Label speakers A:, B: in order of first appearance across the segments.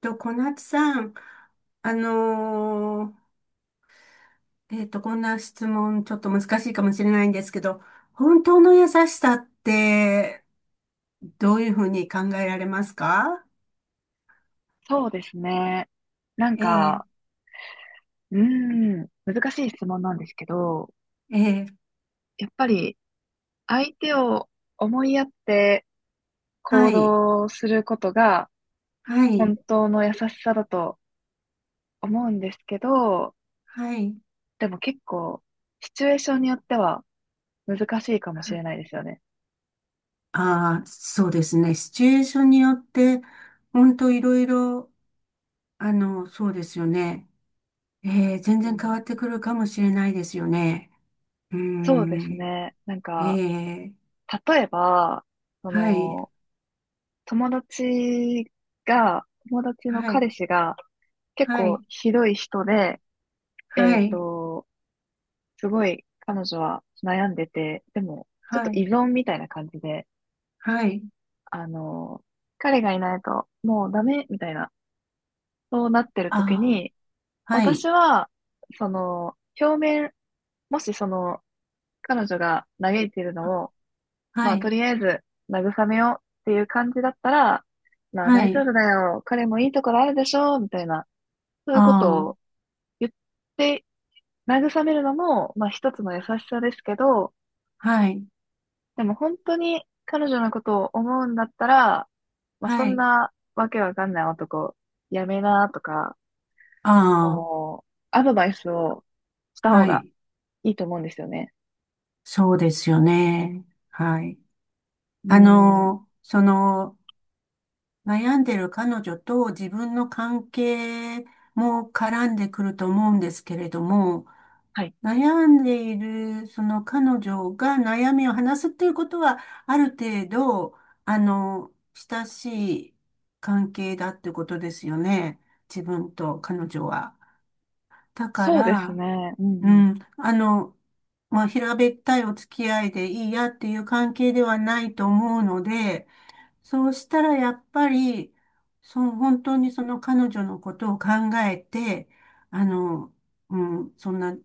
A: と、小夏さん、あのこんな質問、ちょっと難しいかもしれないんですけど、本当の優しさって、どういうふうに考えられますか？
B: そうですね。なん
A: ええ、
B: か、うー難しい質問なんですけど、
A: ええ、
B: やっぱり相手を思いやって
A: は
B: 行
A: い、
B: 動することが
A: は
B: 本
A: い、
B: 当の優しさだと思うんですけど、
A: はい。
B: でも結構シチュエーションによっては難しいかもしれないですよね。
A: ああ、そうですね。シチュエーションによって、本当いろいろ、そうですよね。ええ、全
B: う
A: 然変わ
B: ん。
A: ってくるかもしれないですよね。うー
B: そうです
A: ん、
B: ね。なん
A: え
B: か、
A: え、
B: 例えば、そ
A: はい、
B: の、友達友達の
A: はい。
B: 彼氏が結
A: は
B: 構
A: い、
B: ひどい人で、えっ
A: はい、
B: と、すごい彼女は悩んでて、でも、ちょっと
A: はい、
B: 依存みたいな感じで、
A: はい。
B: あの、彼がいないともうダメみたいな、そうなってる
A: あ
B: 時に、
A: あ、は
B: 私
A: い、
B: は、その、表面、もしその、彼女が嘆いてるのを、
A: は
B: まあ、と
A: い、
B: りあえず慰めようっていう感じだったら、まあ、
A: は
B: 大丈
A: い、
B: 夫だよ。彼もいいところあるでしょみたいな、そうい
A: あ
B: うこと
A: あ、
B: を言って、慰めるのも、まあ、一つの優しさですけど、
A: はい、
B: でも本当に彼女のことを思うんだったら、まあ、そ
A: は
B: ん
A: い、
B: なわけわかんない男、やめなとか、
A: ああ、
B: こう、アドバイスをした方
A: は
B: が
A: い。
B: いいと思うんですよね。
A: そうですよね。はい。
B: うー
A: あ
B: ん。
A: の、その、悩んでる彼女と自分の関係も絡んでくると思うんですけれども、
B: はい。
A: 悩んでいる、その彼女が悩みを話すっていうことは、ある程度、あの、親しい関係だってことですよね。自分と彼女は。だか
B: そうです
A: ら、
B: ね。うん
A: う
B: うん。
A: ん、まあ、平べったいお付き合いでいいやっていう関係ではないと思うので、そうしたらやっぱり、そう、本当にその彼女のことを考えて、あの、うん、そんな、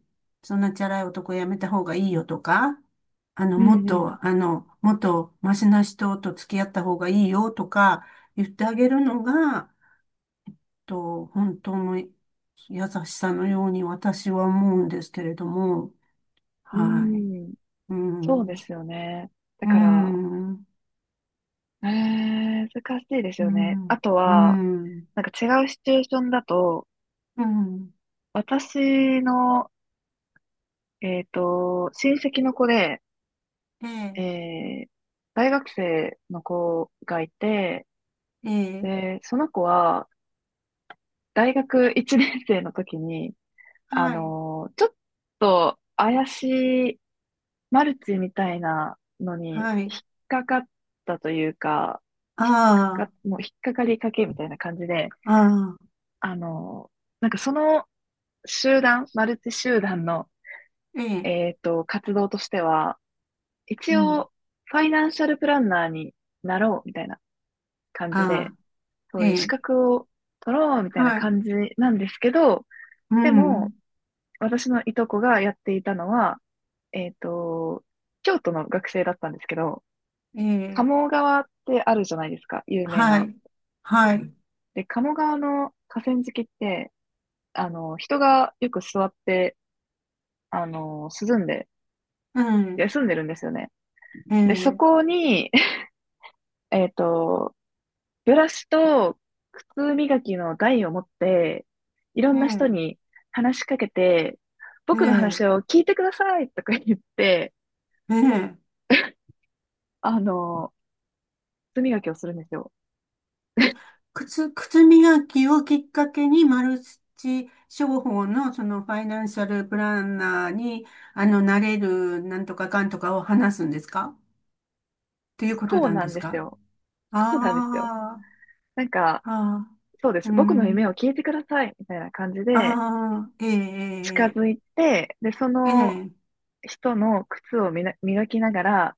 A: そんなチャラい男やめた方がいいよとか、
B: う
A: もっ
B: んう
A: と、もっとマシな人と付き合った方がいいよとか言ってあげるのが、本当の優しさのように私は思うんですけれども、
B: ん。う
A: はい。
B: ーん。
A: う
B: そうで
A: ん、
B: すよね。だ
A: う
B: から、
A: ん、
B: え難しいです
A: う
B: よね。あ
A: ん、
B: と
A: う
B: は、
A: ん、
B: なんか違うシチュエーションだと、
A: うん。
B: 私の、親戚の子で、
A: ええ
B: えー大学生の子がいて、
A: ええ、
B: で、その子は大学1年生の時に、
A: はい、
B: ちょっと怪しいマルチみたいなのに引
A: はい。
B: っかかったというか、引っか
A: あ
B: か、もう引っかかりかけみたいな感じで、
A: あ、ああ、
B: あのーなんかそのマルチ集団の、
A: ええ、
B: 活動としては、
A: う
B: 一
A: ん、
B: 応、ファイナンシャルプランナーになろうみたいな感じ
A: あ
B: で、
A: あ、
B: そ
A: え
B: ういう資
A: え、
B: 格を取ろうみたいな
A: はい、
B: 感じなんですけど、
A: う
B: でも、
A: ん、
B: 私のいとこがやっていたのは、えっと、京都の学生だったんですけど、
A: ええ、
B: 鴨川ってあるじゃないですか、有名
A: は
B: な。
A: い、はい、
B: で、鴨川の河川敷って、あの、人がよく座って、あの、涼んで、
A: うん、
B: 休んでるんですよね。
A: え
B: で、そ
A: え、
B: こに、えっと、ブラシと靴磨きの台を持って、いろ
A: え
B: んな人
A: え、
B: に話しかけて、
A: え
B: 僕の話
A: え、
B: を聞いてくださいとか言って、
A: ええ、
B: あの、靴磨きをするんですよ。
A: え靴磨きをきっかけにマルチ商法のそのファイナンシャルプランナーに、なれるなんとかかんとかを話すんですかっていうこと
B: そう
A: なん
B: な
A: で
B: ん
A: す
B: です
A: か？
B: よ。そうなんですよ。
A: あ
B: なんか、
A: あ、あ
B: そうで
A: あ、う
B: す。僕の夢を
A: ん。
B: 聞いてくださいみたいな感じで、
A: ああ、え
B: 近
A: え、
B: づいて、で、そ
A: え
B: の
A: え、
B: 人の靴をみな磨きながら、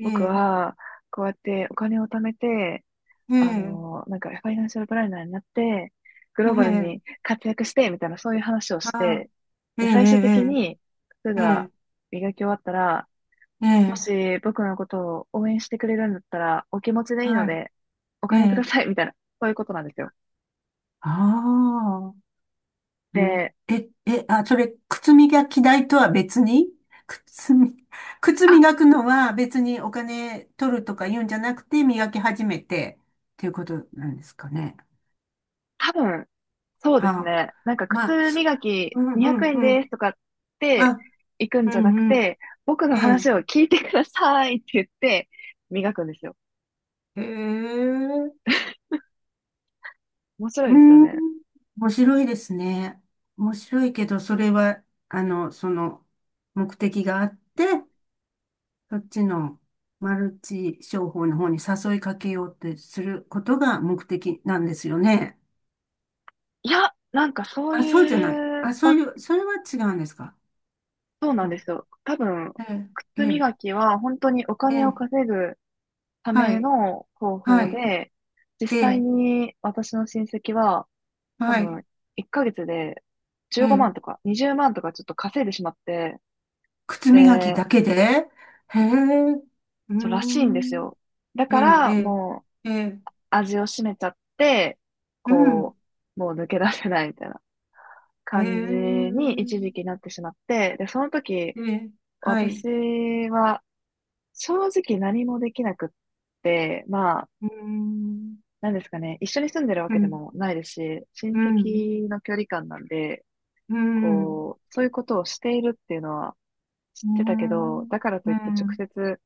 A: え
B: 僕
A: え、
B: は、こうやってお金を貯めて、
A: え
B: あ
A: え、
B: の、なんかファイナンシャルプランナーになって、グ
A: え
B: ローバル
A: え、
B: に活躍して、みたいなそういう話を
A: あ
B: し
A: あ、
B: て、
A: え
B: で、
A: え、
B: 最終的
A: え
B: に、靴え
A: え、ええ、
B: 磨き終わったら、
A: え
B: も
A: え、
B: し僕のことを応援してくれるんだったら、お気持ちでいいの
A: はい、
B: で、お
A: え
B: 金くだ
A: え、
B: さい、みたいな、そういうことなんですよ。
A: ああ、うん。
B: で、
A: え、え、あ、それ、靴磨き代とは別に靴み、靴
B: あ、
A: 磨くのは別にお金取るとか言うんじゃなくて、磨き始めて、っていうことなんですかね。
B: 多分、そうです
A: はあ、
B: ね。なんか
A: まあ、
B: 靴
A: そ、
B: 磨き
A: うん、
B: 200
A: うん、
B: 円
A: う
B: で
A: ん。
B: すとかって
A: あ、
B: 行くん
A: う
B: じゃなく
A: ん、うん。
B: て、僕
A: え
B: の
A: え、
B: 話を聞いてくださいって言って磨くんですよ。
A: へえ、
B: 面白い
A: う
B: ですよ
A: ーん、
B: ね。
A: 面白いですね。面白いけど、それは、あの、その、目的があって、そっちのマルチ商法の方に誘いかけようってすることが目的なんですよね。
B: いや、なんかそう
A: あ、そうじゃない。
B: いう、
A: あ、そう
B: あ、
A: いう、それは違うんですか。
B: そうなんで
A: あ、
B: すよ。多分、
A: ええ、え
B: 靴
A: え、
B: 磨きは本当にお
A: え
B: 金を
A: え、
B: 稼ぐた
A: は
B: め
A: い、
B: の方
A: は
B: 法
A: い、
B: で、実
A: え
B: 際
A: え、
B: に私の親戚は多
A: はい、
B: 分1ヶ月で
A: え
B: 15万
A: え、
B: とか20万とかちょっと稼いでしまって、
A: 靴磨き
B: で、
A: だけで、へえ、うー
B: そうらしいんです
A: ん、
B: よ。だ
A: え
B: か
A: え、え
B: ら
A: え、
B: もう
A: ええ、
B: 味を占めちゃって、
A: うん。
B: こもう抜け出せないみたいな
A: へ
B: 感じ
A: え、
B: に一時期なってしまって、で、その時、
A: ええ、はい。
B: 私は正直何もできなくって、まあ、
A: うーん、
B: なんですかね、一緒に住んでるわ
A: う
B: けで
A: ん、
B: もないですし、親
A: うん、
B: 戚の距離感なんで、
A: うん、
B: こう、そういうことをしているっていうのは知っ
A: うー
B: てたけど、
A: ん、
B: だからと
A: う
B: いって直
A: ん、
B: 接、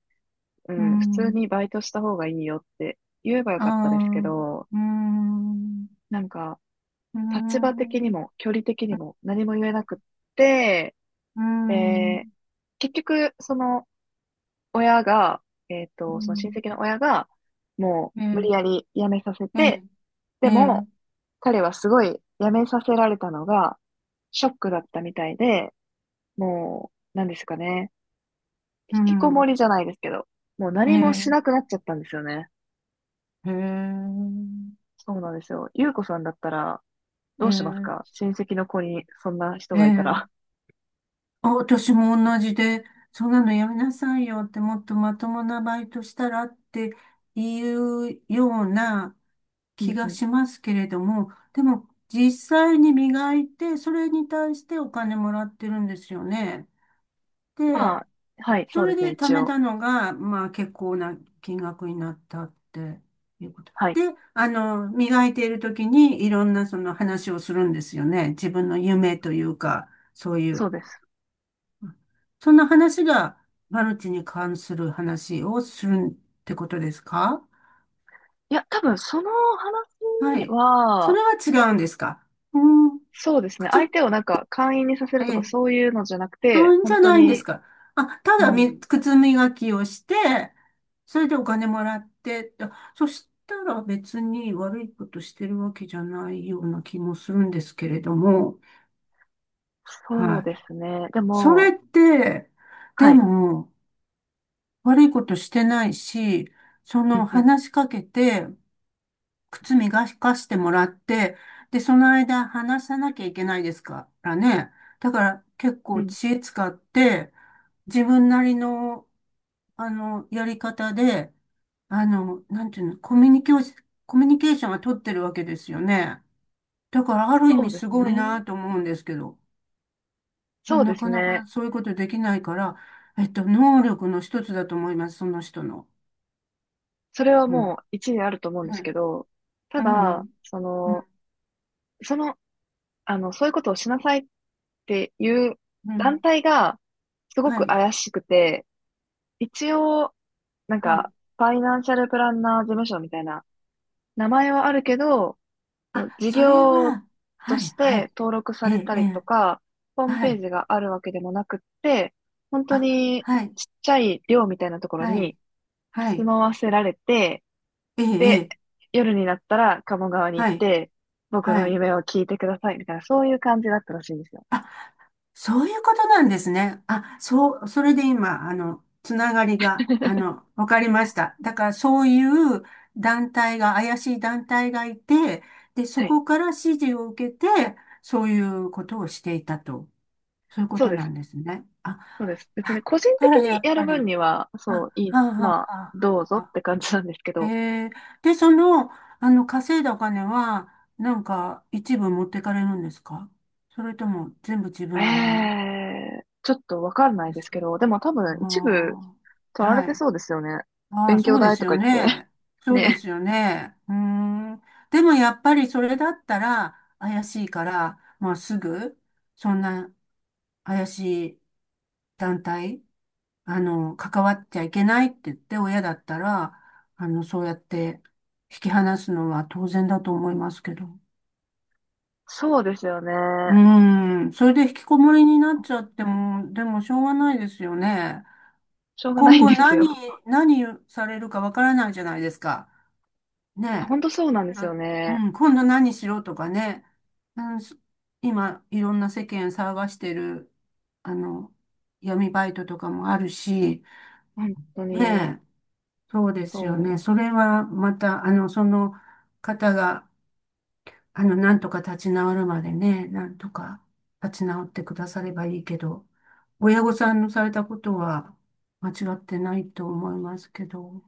B: う
A: う
B: ん、普通
A: ん、
B: にバイトした方がいいよって言えばよ
A: あ
B: かったですけ
A: あ、
B: ど、
A: うーん、う
B: なんか、
A: ー
B: 立場的
A: ん、
B: に
A: う
B: も距離的にも何も言えなくって、
A: ーん、
B: で、結局、その、親が、
A: う
B: その親
A: ん、
B: 戚の親が、も
A: え
B: う無理
A: え、
B: やり辞めさせ
A: え
B: て、
A: え、え
B: でも、
A: え、
B: 彼はすごい辞めさせられたのが、ショックだったみたいで、もう、なんですかね、引
A: う
B: きこも
A: ん、
B: りじゃないですけど、もう
A: え
B: 何もし
A: え、
B: なくなっちゃったんですよね。
A: へえ、
B: そうなんですよ。ゆうこさんだったら、
A: え
B: どうしますか、
A: え、
B: 親戚の子にそんな人
A: え
B: がいたら。
A: え、あ、私も同じで、そんなのやめなさいよって、もっとまともなバイトしたらっていうような
B: う
A: 気
B: んう
A: が
B: ん。
A: しますけれども、でも実際に磨いて、それに対してお金もらってるんですよね。
B: ま
A: で、
B: あ、はい、
A: そ
B: そうで
A: れ
B: すね、
A: で貯
B: 一
A: め
B: 応。
A: たのが、まあ結構な金額になったっていうこと。
B: はい、
A: で、磨いている時にいろんなその話をするんですよね。自分の夢というか、そうい
B: そう
A: う。
B: です。
A: そんな話がマルチに関する話をするってことですか？
B: いや、多分その話
A: はい。それ
B: は、
A: は違うんですか？うん。
B: そうですね。
A: 靴、
B: 相手をなんか会員にさせ
A: え
B: るとか
A: え、
B: そういうのじゃなく
A: そ
B: て、
A: うんじ
B: 本
A: ゃ
B: 当
A: ないんです
B: に、
A: か？あ、た
B: う
A: だみ、
B: ん、
A: 靴磨きをして、それでお金もらって、あそしたら別に悪いことしてるわけじゃないような気もするんですけれども、
B: そ
A: は
B: う
A: い。
B: ですね。で
A: それっ
B: も、
A: て、
B: は
A: で
B: い。
A: も、悪いことしてないし、そ
B: うん
A: の
B: うん、
A: 話しかけて、靴磨かしてもらって、で、その間話さなきゃいけないですからね。だから結
B: う
A: 構
B: ん。
A: 知恵使って、自分なりの、やり方で、なんていうの、コミュニケーション、コミュニケーションは取ってるわけですよね。だからある意
B: そう
A: 味
B: で
A: す
B: す
A: ごい
B: ね。
A: なと思うんですけど、
B: そうで
A: な
B: す
A: かな
B: ね。
A: かそういうことできないから、能力の一つだと思います、その人の。
B: それは
A: うん。
B: もう一理あると思うんです
A: ね、
B: けど、た
A: う
B: だ、
A: ん。うん。
B: その、そういうことをしなさいっていう
A: う
B: 団
A: ん。
B: 体がすご
A: は
B: く
A: い。
B: 怪しくて、一応、なん
A: はい。
B: か、ファイナンシャルプランナー事務所みたいな名前はあるけど、
A: あ、
B: 事
A: それ
B: 業
A: は、
B: と
A: はい、
B: し
A: は
B: て
A: い、
B: 登録さ
A: え
B: れ
A: え、
B: た
A: え
B: りと
A: え、
B: か、ホーム
A: は
B: ペー
A: い、
B: ジがあるわけでもなくって、本当
A: あ、
B: に
A: はい、
B: ちっちゃい寮みたいなところ
A: は
B: に
A: い、は
B: 住
A: い、
B: まわせられて、
A: ええ、え
B: で、
A: え、
B: 夜になったら鴨川に行っ
A: はい、
B: て、僕
A: は
B: の
A: い。
B: 夢を聞いてくださいみたいな、そういう感じだったらしいんですよ。
A: あ、そういうことなんですね。あ、そう、それで今、つながりが、わかりました。だから、そういう団体が、怪しい団体がいて、で、そ
B: はい。
A: こから指示を受けて、そういうことをしていたと。そういうこ
B: そう
A: と
B: で
A: な
B: す。
A: んですね。あ、
B: そうです。別
A: だ
B: に
A: っ
B: 個人
A: た
B: 的
A: ら、や
B: に
A: っ
B: やる
A: ぱ
B: 分
A: り、
B: には、
A: あ、
B: そう、いい、
A: あ、
B: ま
A: あ、
B: あ、どうぞ
A: あ、あ
B: っ
A: あ、
B: て感じなんですけ
A: え
B: ど、
A: え、で、その、稼いだお金は、なんか、一部持ってかれるんですか？それとも、全部自
B: え
A: 分のもの
B: え、ちょっとわかんない
A: で
B: で
A: す
B: す
A: か？
B: けど、でも多分一部
A: ああ、
B: 取られ
A: は
B: て
A: い。
B: そうですよね。
A: ああ、
B: 勉強
A: そうで
B: 代
A: す
B: と
A: よ
B: か言って。
A: ね。そうで
B: ね。
A: すよね。うーん。でも、やっぱり、それだったら、怪しいから、まあ、すぐ、そんな、怪しい団体関わっちゃいけないって言って親だったら、そうやって引き離すのは当然だと思いますけど。
B: そうですよね。
A: うーん、それで引きこもりになっちゃっても、でもしょうがないですよね。
B: しょうがな
A: 今
B: いん
A: 後
B: です
A: 何、
B: よ。
A: 何されるかわからないじゃないですか。ねえ。
B: 本当そうなんです
A: あ
B: よ
A: の
B: ね。
A: うん、今度何しろとかね。うん、今、いろんな世間騒がしてる、あの、闇バイトとかもあるし、
B: 本当に。
A: ねえ。そうですよ
B: そ
A: ね。
B: う。
A: それはまた、その方が、なんとか立ち直るまでね、なんとか立ち直ってくださればいいけど、親御さんのされたことは間違ってないと思いますけど。